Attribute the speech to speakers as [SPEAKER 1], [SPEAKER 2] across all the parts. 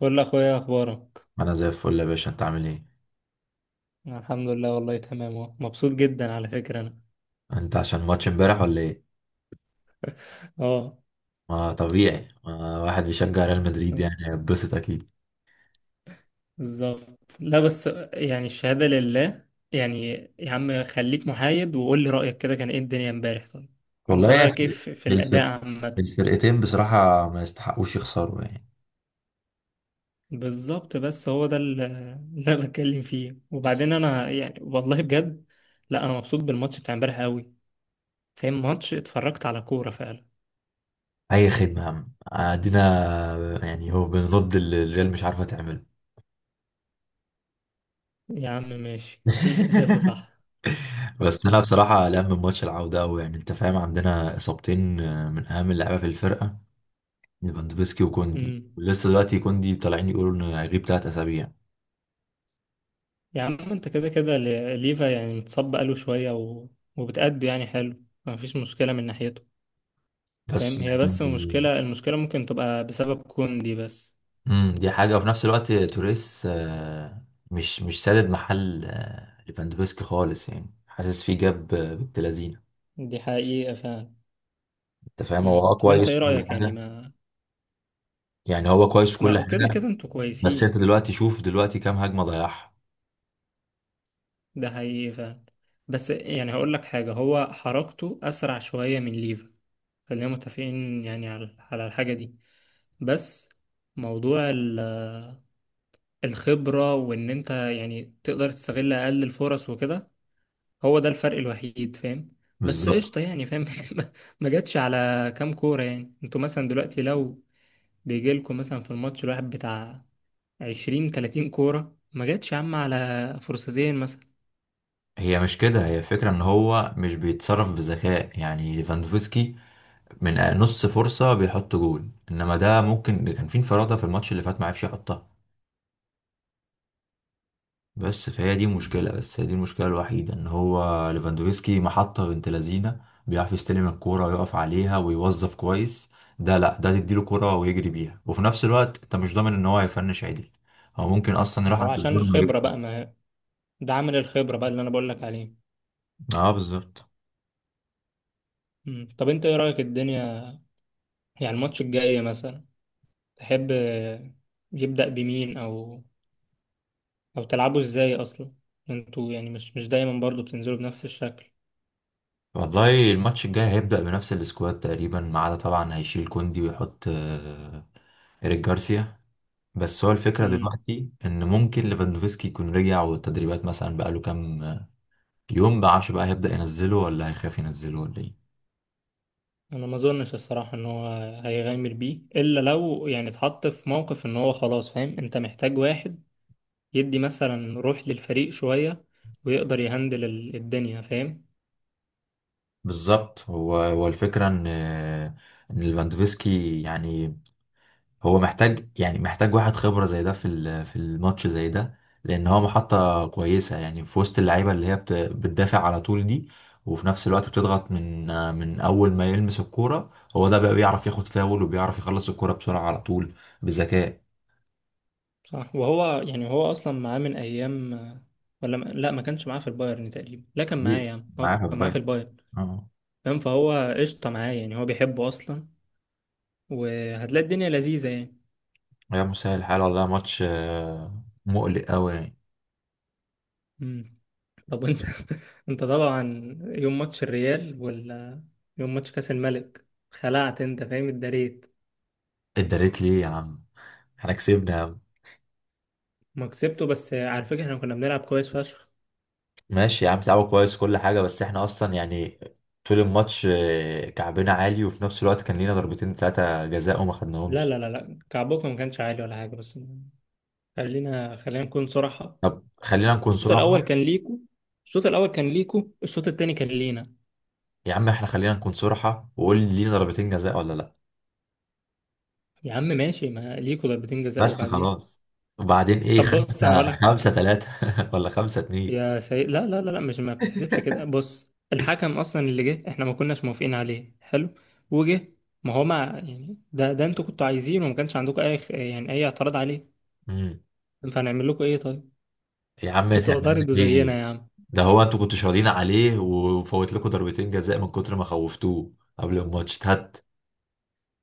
[SPEAKER 1] بقول اخويا، اخبارك؟
[SPEAKER 2] انا زي الفل يا باشا، انت عامل ايه؟
[SPEAKER 1] الحمد لله، والله تمام أهو. مبسوط جدا على فكرة انا.
[SPEAKER 2] انت عشان ماتش امبارح ولا ايه؟
[SPEAKER 1] اه.
[SPEAKER 2] ما طبيعي، ما واحد بيشجع ريال مدريد يعني هيتبسط اكيد.
[SPEAKER 1] بالظبط، لا بس، يعني الشهادة لله. يعني، يا عم خليك محايد وقول لي رأيك كده، كان ايه الدنيا امبارح؟ طيب، انت
[SPEAKER 2] والله يا أخي،
[SPEAKER 1] رأيك ايه في
[SPEAKER 2] الفرق
[SPEAKER 1] الأداء عامة؟
[SPEAKER 2] الفرقتين بصراحة ما يستحقوش يخسروا يعني.
[SPEAKER 1] بالظبط، بس هو ده اللي انا بتكلم فيه. وبعدين انا يعني والله بجد، لا، انا مبسوط بالماتش بتاع امبارح قوي، فاهم؟ ماتش، اتفرجت على كورة فعلا.
[SPEAKER 2] اي خدمه يا عم ادينا. يعني هو بنرد اللي الريال مش عارفه تعمله.
[SPEAKER 1] يا عم ماشي، اللي انت شايفه صح.
[SPEAKER 2] بس انا بصراحه قلقان من ماتش العوده قوي. يعني انت فاهم، عندنا اصابتين من اهم اللعيبه في الفرقه، ليفاندوفسكي وكوندي، ولسه دلوقتي كوندي طالعين يقولوا انه هيغيب 3 اسابيع.
[SPEAKER 1] يا عم، انت كده كده ليفا يعني متصاب بقاله شوية وبتأدي يعني حلو، مفيش مشكلة من ناحيته،
[SPEAKER 2] بس
[SPEAKER 1] فاهم؟ هي بس
[SPEAKER 2] يعني
[SPEAKER 1] المشكلة، المشكلة ممكن تبقى بسبب كوندي بس.
[SPEAKER 2] دي حاجة، وفي نفس الوقت توريس مش سادد محل ليفاندوفسكي خالص، يعني حاسس فيه. جاب بنت لذينه،
[SPEAKER 1] دي حقيقة فعلا.
[SPEAKER 2] انت فاهم. هو
[SPEAKER 1] مم. طب
[SPEAKER 2] كويس
[SPEAKER 1] انت ايه
[SPEAKER 2] في كل
[SPEAKER 1] رأيك يعني؟
[SPEAKER 2] حاجة،
[SPEAKER 1] ما
[SPEAKER 2] يعني هو كويس في كل
[SPEAKER 1] ما كده
[SPEAKER 2] حاجة.
[SPEAKER 1] كده انتوا
[SPEAKER 2] بس انت
[SPEAKER 1] كويسين.
[SPEAKER 2] دلوقتي شوف دلوقتي كام هجمة ضيعها.
[SPEAKER 1] ده حقيقي فعلا. بس يعني هقول لك حاجة، هو حركته أسرع شوية من ليفا. خلينا متفقين يعني على الحاجة دي. بس، موضوع الخبرة، وإن أنت يعني تقدر تستغل أقل الفرص وكده، هو ده الفرق الوحيد، فاهم؟ بس
[SPEAKER 2] بالظبط.
[SPEAKER 1] قشطة، يعني فاهم؟ ما ما جاتش على كام كورة؟ يعني انتوا مثلا دلوقتي لو بيجيلكوا مثلا في الماتش الواحد بتاع عشرين تلاتين كورة، ما جاتش يا عم على فرصتين مثلا؟
[SPEAKER 2] هي مش كده، هي فكرة ان هو مش بيتصرف بذكاء يعني. ليفاندوفسكي من نص فرصة بيحط جول، انما ده ممكن كان في انفرادة في الماتش اللي فات ما عرفش يحطها. بس فهي دي مشكلة، بس هي دي المشكلة الوحيدة. ان هو ليفاندوفسكي محطة بنت لذينة، بيعرف يستلم الكورة ويقف عليها ويوظف كويس. ده لا، ده تديله كورة ويجري بيها، وفي نفس الوقت انت مش ضامن ان هو هيفنش عدل. هو ممكن اصلا
[SPEAKER 1] ما
[SPEAKER 2] يروح
[SPEAKER 1] هو
[SPEAKER 2] عند
[SPEAKER 1] عشان
[SPEAKER 2] الجول ويجري.
[SPEAKER 1] الخبرة بقى. ما ده عامل الخبرة بقى اللي أنا بقولك عليه.
[SPEAKER 2] اه بالظبط.
[SPEAKER 1] مم. طب أنت إيه رأيك الدنيا، يعني الماتش الجاي مثلا؟ تحب يبدأ بمين، أو تلعبوا إزاي أصلا؟ انتوا يعني مش دايما برضو بتنزلوا بنفس الشكل.
[SPEAKER 2] والله الماتش الجاي هيبدأ بنفس السكواد تقريبا، ما عدا طبعا هيشيل كوندي ويحط إيريك جارسيا. بس هو الفكرة دلوقتي إن ممكن ليفاندوفسكي يكون رجع، والتدريبات مثلا بقاله كام يوم، بعشه بقى هيبدأ ينزله ولا هيخاف ينزله ولا ايه.
[SPEAKER 1] انا ما اظنش الصراحه ان هو هيغامر بيه، الا لو يعني اتحط في موقف ان هو خلاص، فاهم؟ انت محتاج واحد يدي مثلا روح للفريق شويه، ويقدر يهندل الدنيا، فاهم؟
[SPEAKER 2] بالظبط. هو الفكرة ان ليفاندوفسكي يعني، هو محتاج يعني محتاج واحد خبرة زي ده في الماتش زي ده، لان هو محطة كويسة يعني في وسط اللعيبة اللي هي بتدافع على طول دي، وفي نفس الوقت بتضغط من اول ما يلمس الكورة. هو ده بقى بيعرف ياخد فاول، وبيعرف يخلص الكورة بسرعة على طول بذكاء.
[SPEAKER 1] صح. وهو يعني، هو اصلا معاه من ايام، ولا ما... لا، ما كانش معاه في البايرن تقريبا. لا، كان معاه
[SPEAKER 2] دي
[SPEAKER 1] يا عم، هو
[SPEAKER 2] معاه في
[SPEAKER 1] كان معاه في
[SPEAKER 2] البايرن.
[SPEAKER 1] البايرن،
[SPEAKER 2] اه.
[SPEAKER 1] فاهم؟ فهو قشطه معاه، يعني هو بيحبه اصلا، وهتلاقي الدنيا لذيذه.
[SPEAKER 2] يا مسهل الحال، والله ماتش مقلق قوي يعني.
[SPEAKER 1] يعني، طب انت، انت طبعا، يوم ماتش الريال ولا يوم ماتش كاس الملك، خلعت؟ انت فاهم؟ اتدريت.
[SPEAKER 2] اتدريت ليه يا عم؟ احنا كسبنا يا عم.
[SPEAKER 1] ما كسبته، بس على فكره احنا كنا بنلعب كويس فشخ.
[SPEAKER 2] ماشي يا عم، لعبوا كويس كل حاجة، بس احنا اصلا يعني طول الماتش كعبنا عالي، وفي نفس الوقت كان لينا ضربتين 3 جزاء وما
[SPEAKER 1] لا
[SPEAKER 2] خدناهمش.
[SPEAKER 1] لا لا لا، كعبكم ما كانش عالي ولا حاجه. بس خلينا خلينا نكون صراحه.
[SPEAKER 2] طب خلينا نكون
[SPEAKER 1] الشوط الاول
[SPEAKER 2] صراحة.
[SPEAKER 1] كان ليكو. الشوط الاول كان ليكو، الشوط التاني كان لينا.
[SPEAKER 2] يا عم احنا خلينا نكون صراحة، وقول لي لينا ضربتين جزاء ولا لا؟
[SPEAKER 1] يا عم ماشي، ما ليكو ضربتين جزاء،
[SPEAKER 2] بس
[SPEAKER 1] وبعد ايه؟
[SPEAKER 2] خلاص. وبعدين ايه؟
[SPEAKER 1] طب بص انا اقول
[SPEAKER 2] خمسة،
[SPEAKER 1] لك،
[SPEAKER 2] 5-3 ولا 5-2؟
[SPEAKER 1] يا سيد، لا لا لا لا، مش، ما بتحسبش كده. بص، الحكم اصلا اللي جه احنا ما كناش موافقين عليه، حلو، وجه. ما هو، ما يعني، ده ده انتوا كنتوا عايزينه، وما كانش عندكم اي يعني اي اعتراض عليه.
[SPEAKER 2] امم.
[SPEAKER 1] فهنعمل لكم ايه طيب؟
[SPEAKER 2] يا عم
[SPEAKER 1] كنتوا
[SPEAKER 2] تعمل
[SPEAKER 1] هتعرضوا
[SPEAKER 2] ايه؟
[SPEAKER 1] زينا يا عم.
[SPEAKER 2] ده هو انتوا كنتوا شغالين عليه، وفوت لكم ضربتين جزاء من كتر ما خوفتوه قبل الماتش. هات.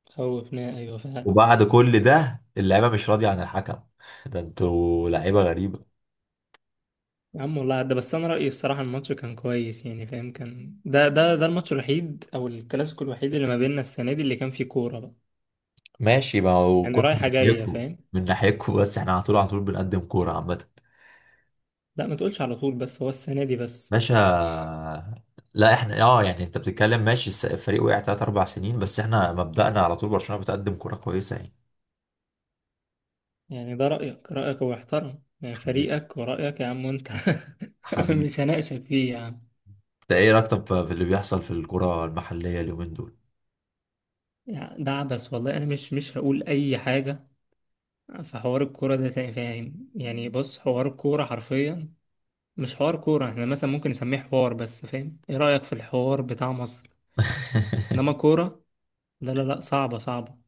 [SPEAKER 1] خوفنا، ايوه فعلا.
[SPEAKER 2] وبعد كل ده اللعيبه مش راضيه عن الحكم ده انتوا لعيبه غريبه.
[SPEAKER 1] يا عم، والله عدى. بس انا رايي الصراحه الماتش كان كويس، يعني فاهم؟ كان ده ده ده الماتش الوحيد او الكلاسيكو الوحيد اللي ما بيننا السنه دي اللي كان فيه كوره بقى،
[SPEAKER 2] ماشي، ما هو
[SPEAKER 1] يعني
[SPEAKER 2] كوره من
[SPEAKER 1] رايحه جايه،
[SPEAKER 2] ناحيتكم.
[SPEAKER 1] فاهم؟
[SPEAKER 2] من ناحيتكم، بس احنا على طول على طول بنقدم كوره عامه.
[SPEAKER 1] لا ما تقولش على طول، بس هو السنه دي بس.
[SPEAKER 2] باشا، لا احنا يعني انت بتتكلم ماشي، الفريق وقع 3-4 سنين، بس احنا مبدأنا على طول برشلونه بتقدم كوره كويسه يعني.
[SPEAKER 1] يعني ده رأيك، رأيك، هو يحترم. يعني
[SPEAKER 2] حبيبي.
[SPEAKER 1] فريقك ورأيك يا عم، وانت،
[SPEAKER 2] حبيبي،
[SPEAKER 1] مش هناقشك فيه يا عم.
[SPEAKER 2] انت ايه رايك طب في اللي بيحصل في الكوره المحليه اليومين دول؟
[SPEAKER 1] يعني ده عبث والله، انا مش هقول اي حاجة في حوار الكورة ده تاني، فاهم؟ يعني بص، حوار الكورة حرفيا مش حوار كورة، احنا مثلا ممكن نسميه حوار بس، فاهم؟ ايه رأيك في الحوار بتاع مصر؟ انما كورة، لا لا لا، صعبة صعبة.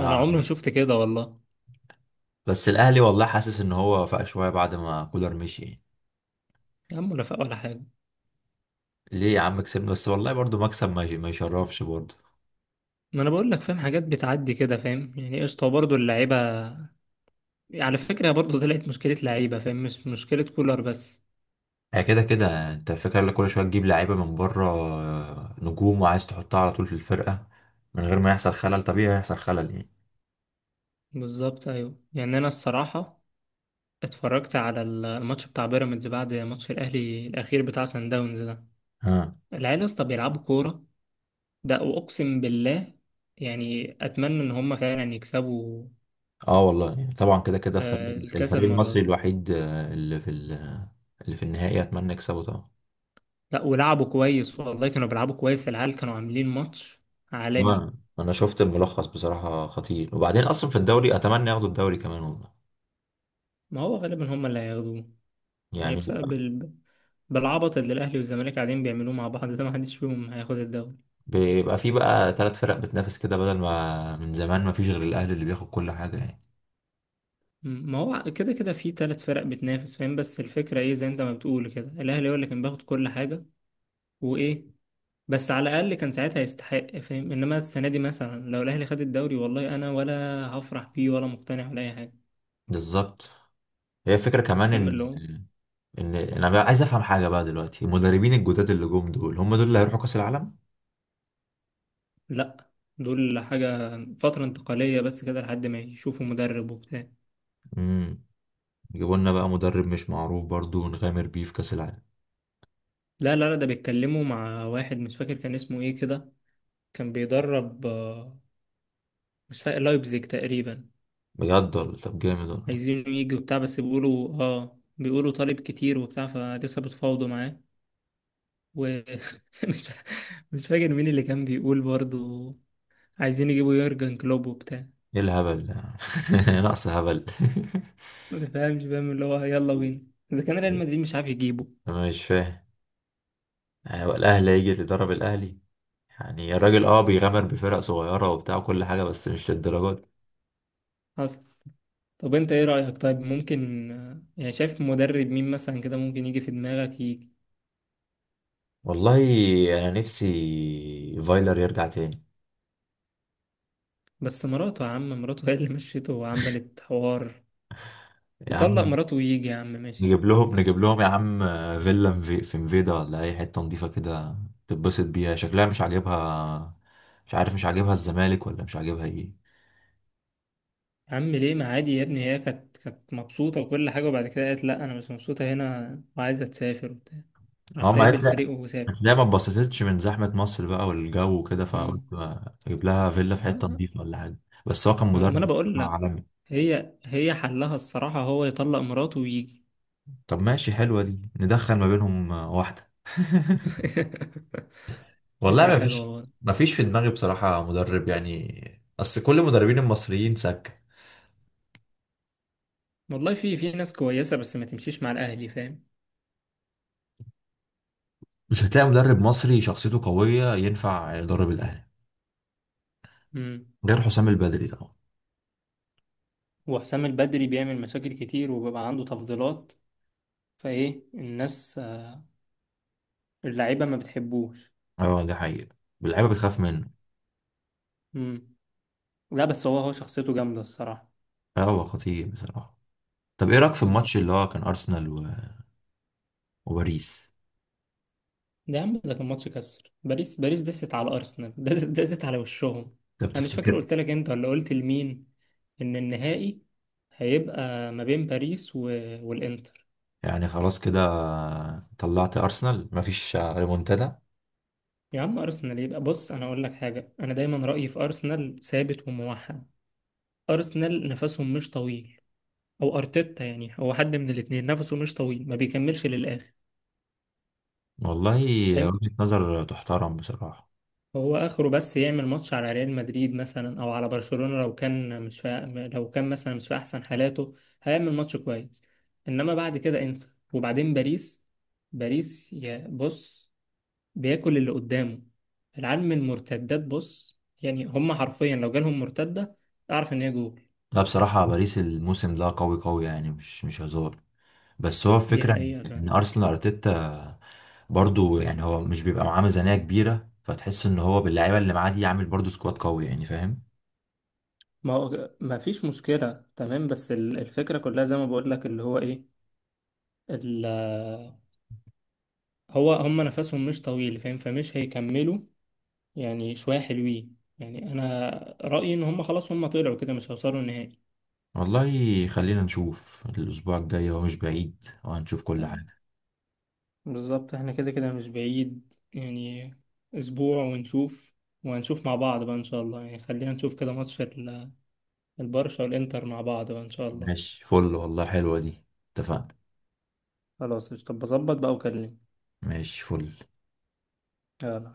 [SPEAKER 1] انا عمري ما شفت كده والله.
[SPEAKER 2] بس الاهلي والله حاسس ان هو فاق شويه بعد ما كولر مشي يعني.
[SPEAKER 1] يا عم، ولا فاق ولا حاجة.
[SPEAKER 2] ليه يا عم؟ كسبنا بس، والله برضو مكسب ما يشرفش برضو.
[SPEAKER 1] ما انا بقول لك، فاهم؟ حاجات بتعدي كده، فاهم؟ يعني قشطة برضه اللعيبة. على فكرة برضو طلعت مشكلة لعيبة، فاهم؟ مش مشكلة كولر بس.
[SPEAKER 2] هي كده كده، انت فاكر لك كل شويه تجيب لعيبه من بره نجوم، وعايز تحطها على طول في الفرقه من غير ما يحصل خلل. طبيعي هيحصل خلل يعني.
[SPEAKER 1] بالظبط، أيوة. يعني أنا الصراحة اتفرجت على الماتش بتاع بيراميدز بعد ماتش الأهلي الأخير بتاع سان داونز ده.
[SPEAKER 2] ها.
[SPEAKER 1] العيال يا اسطى بيلعبوا كورة، ده وأقسم بالله. يعني أتمنى إن هما فعلا يكسبوا
[SPEAKER 2] اه والله يعني طبعا كده كده، الفريق
[SPEAKER 1] الكاس
[SPEAKER 2] الفريق
[SPEAKER 1] المرة
[SPEAKER 2] المصري
[SPEAKER 1] دي.
[SPEAKER 2] الوحيد اللي في النهائي، اتمنى يكسبه طبعا.
[SPEAKER 1] لا، ولعبوا كويس والله، كانوا بيلعبوا كويس. العيال كانوا عاملين ماتش عالمي.
[SPEAKER 2] آه، انا شفت الملخص بصراحه خطير. وبعدين اصلا في الدوري، اتمنى ياخدوا الدوري كمان والله.
[SPEAKER 1] ما هو غالبا هما اللي هياخدوه، يعني
[SPEAKER 2] يعني
[SPEAKER 1] بسبب
[SPEAKER 2] بيبقى
[SPEAKER 1] بالعبط اللي الأهلي والزمالك قاعدين بيعملوه مع بعض ده، محدش فيهم هياخد الدوري.
[SPEAKER 2] بيبقى في بقى 3 فرق بتنافس كده، بدل ما من زمان ما فيش غير الاهلي اللي بياخد كل حاجه يعني.
[SPEAKER 1] ما هو كده كده في ثلاث فرق بتنافس، فاهم؟ بس الفكرة ايه، زي انت ما بتقول كده، الأهلي هو اللي كان بياخد كل حاجة وإيه، بس على الأقل كان ساعتها يستحق، فاهم؟ إنما السنة دي مثلا لو الأهلي خد الدوري، والله أنا ولا هفرح بيه ولا مقتنع ولا أي حاجة،
[SPEAKER 2] بالظبط. هي فكرة كمان
[SPEAKER 1] فاهم
[SPEAKER 2] ان
[SPEAKER 1] اللي هو.
[SPEAKER 2] ان انا بقى عايز افهم حاجة بقى. دلوقتي المدربين الجداد اللي جم دول هم دول اللي هيروحوا كأس العالم؟
[SPEAKER 1] لأ، دول حاجة فترة انتقالية بس كده، لحد ما يشوفوا مدرب وبتاع.
[SPEAKER 2] امم يجيبوا لنا بقى مدرب مش معروف برضو ونغامر بيه في كأس العالم؟
[SPEAKER 1] لا لا لا، ده بيتكلموا مع واحد، مش فاكر كان اسمه ايه كده، كان بيدرب مش فاكر لايبزيج تقريبا.
[SPEAKER 2] بجد والله؟ طب جامد والله.
[SPEAKER 1] عايزينه يجي وبتاع، بس بيقولوا طالب كتير وبتاع فلسه، بتفاوضوا معاه. ومش مش فاكر مين اللي كان بيقول برضو عايزين يجيبوا يورجن كلوب وبتاع.
[SPEAKER 2] ايه الهبل ده نقص هبل.
[SPEAKER 1] ما فاهمش، فاهم اللي هو، يلا بينا اذا كان ريال مدريد مش عارف يجيبه
[SPEAKER 2] انا مش فاهم، يعني هو الاهلي هيجي اللي يدرب الاهلي؟ يعني الراجل بيغامر بفرق صغيرة وبتاع كل حاجة، بس مش للدرجات.
[SPEAKER 1] اصلا. طب انت ايه رأيك طيب؟ ممكن يعني شايف مدرب مين مثلا كده ممكن يجي في دماغك؟ يجي،
[SPEAKER 2] والله انا نفسي فايلر يرجع تاني.
[SPEAKER 1] بس مراته يا عم، مراته هي اللي مشيته وعملت حوار.
[SPEAKER 2] يا
[SPEAKER 1] يطلق
[SPEAKER 2] عم
[SPEAKER 1] مراته ويجي يا عم، ماشي.
[SPEAKER 2] نجيب لهم نجيب لهم يا عم، فيلا في مفيدا ولا اي حته نضيفه كده، تتبسط بيها. شكلها مش عاجبها، مش عارف مش عاجبها الزمالك ولا مش عاجبها ايه.
[SPEAKER 1] يا عم ليه؟ ما عادي يا ابني، هي كانت مبسوطة وكل حاجة، وبعد كده قالت لا، أنا مش مبسوطة هنا وعايزة تسافر وبتاع، راح
[SPEAKER 2] اه ما
[SPEAKER 1] سايب
[SPEAKER 2] هتلاقي
[SPEAKER 1] الفريق وساب.
[SPEAKER 2] هتلاقي ما اتبسطتش من زحمه مصر بقى والجو وكده، فقلت
[SPEAKER 1] امم.
[SPEAKER 2] ما اجيب لها فيلا في حته
[SPEAKER 1] ما
[SPEAKER 2] نضيفه ولا حاجه. بس هو كان
[SPEAKER 1] ما
[SPEAKER 2] مدرب
[SPEAKER 1] أنا بقول
[SPEAKER 2] بصراحة
[SPEAKER 1] لك،
[SPEAKER 2] عالمي.
[SPEAKER 1] هي حلها الصراحة هو يطلق مراته ويجي.
[SPEAKER 2] طب ماشي، حلوه دي، ندخل ما بينهم واحده والله
[SPEAKER 1] فكرة
[SPEAKER 2] ما
[SPEAKER 1] حلوة
[SPEAKER 2] فيش
[SPEAKER 1] والله.
[SPEAKER 2] ما فيش في دماغي بصراحه مدرب يعني، اصل كل المدربين المصريين سكه.
[SPEAKER 1] والله في ناس كويسة، بس ما تمشيش مع الأهلي، فاهم؟
[SPEAKER 2] مش هتلاقي مدرب مصري شخصيته قوية ينفع يدرب الأهلي،
[SPEAKER 1] امم.
[SPEAKER 2] غير حسام البدري طبعا.
[SPEAKER 1] وحسام البدري بيعمل مشاكل كتير وبيبقى عنده تفضيلات، فإيه، الناس اللعيبة ما بتحبوش.
[SPEAKER 2] اه ده حقيقة، اللعيبة بتخاف منه.
[SPEAKER 1] امم. لا بس هو شخصيته جامدة الصراحة.
[SPEAKER 2] اه هو خطير بصراحة. طب ايه رأيك في الماتش اللي هو كان أرسنال وباريس؟
[SPEAKER 1] ده يا عم، ده كان ماتش كسر. باريس باريس دست على ارسنال، دست دست على وشهم.
[SPEAKER 2] ده
[SPEAKER 1] انا مش فاكر
[SPEAKER 2] بتفتكر؟
[SPEAKER 1] قلت لك انت ولا قلت لمين، ان النهائي هيبقى ما بين باريس والانتر.
[SPEAKER 2] يعني خلاص كده طلعت أرسنال مفيش ريمونتادا؟
[SPEAKER 1] يا عم ارسنال، يبقى بص انا اقول لك حاجه، انا دايما رايي في ارسنال ثابت وموحد. ارسنال نفسهم مش طويل، او ارتيتا، يعني هو حد من الاتنين نفسه مش طويل، ما بيكملش للاخر.
[SPEAKER 2] والله وجهة نظر تحترم بصراحة.
[SPEAKER 1] هو اخره بس يعمل ماتش على ريال مدريد مثلا او على برشلونة، لو كان مش في، لو كان مثلا مش في احسن حالاته، هيعمل ماتش كويس، انما بعد كده انسى. وبعدين باريس، باريس يا بص بياكل اللي قدامه. العيال من المرتدات، بص يعني هم حرفيا لو جالهم مرتدة، اعرف ان هي جول.
[SPEAKER 2] لا بصراحة باريس الموسم ده قوي قوي يعني، مش هزار. بس هو
[SPEAKER 1] دي
[SPEAKER 2] الفكرة إن
[SPEAKER 1] حقيقة
[SPEAKER 2] إن
[SPEAKER 1] فعلا.
[SPEAKER 2] أرسنال أرتيتا برضو يعني، هو مش بيبقى معاه ميزانية كبيرة، فتحس إن هو باللعيبة اللي معاه دي يعمل برضو سكواد قوي يعني، فاهم.
[SPEAKER 1] ما هو ما فيش مشكلة تمام، بس الفكرة كلها زي ما بقول لك اللي هو ايه، ال- هو هم نفسهم مش طويل، فاهم؟ فمش هيكملوا، يعني شوية حلوين. يعني أنا رأيي إن هم خلاص هم طلعوا كده، مش هيوصلوا النهائي.
[SPEAKER 2] والله خلينا نشوف الأسبوع الجاي، هو مش بعيد وهنشوف كل حاجة.
[SPEAKER 1] بالظبط، احنا كده كده مش بعيد يعني، أسبوع ونشوف. وهنشوف مع بعض بقى إن شاء الله، يعني خلينا نشوف كده ماتش البرشا والإنتر مع بعض بقى إن شاء الله.
[SPEAKER 2] ماشي فل، والله حلوة دي. اتفقنا.
[SPEAKER 1] خلاص، طب بظبط بقى وكلمني،
[SPEAKER 2] ماشي فل.
[SPEAKER 1] يلا.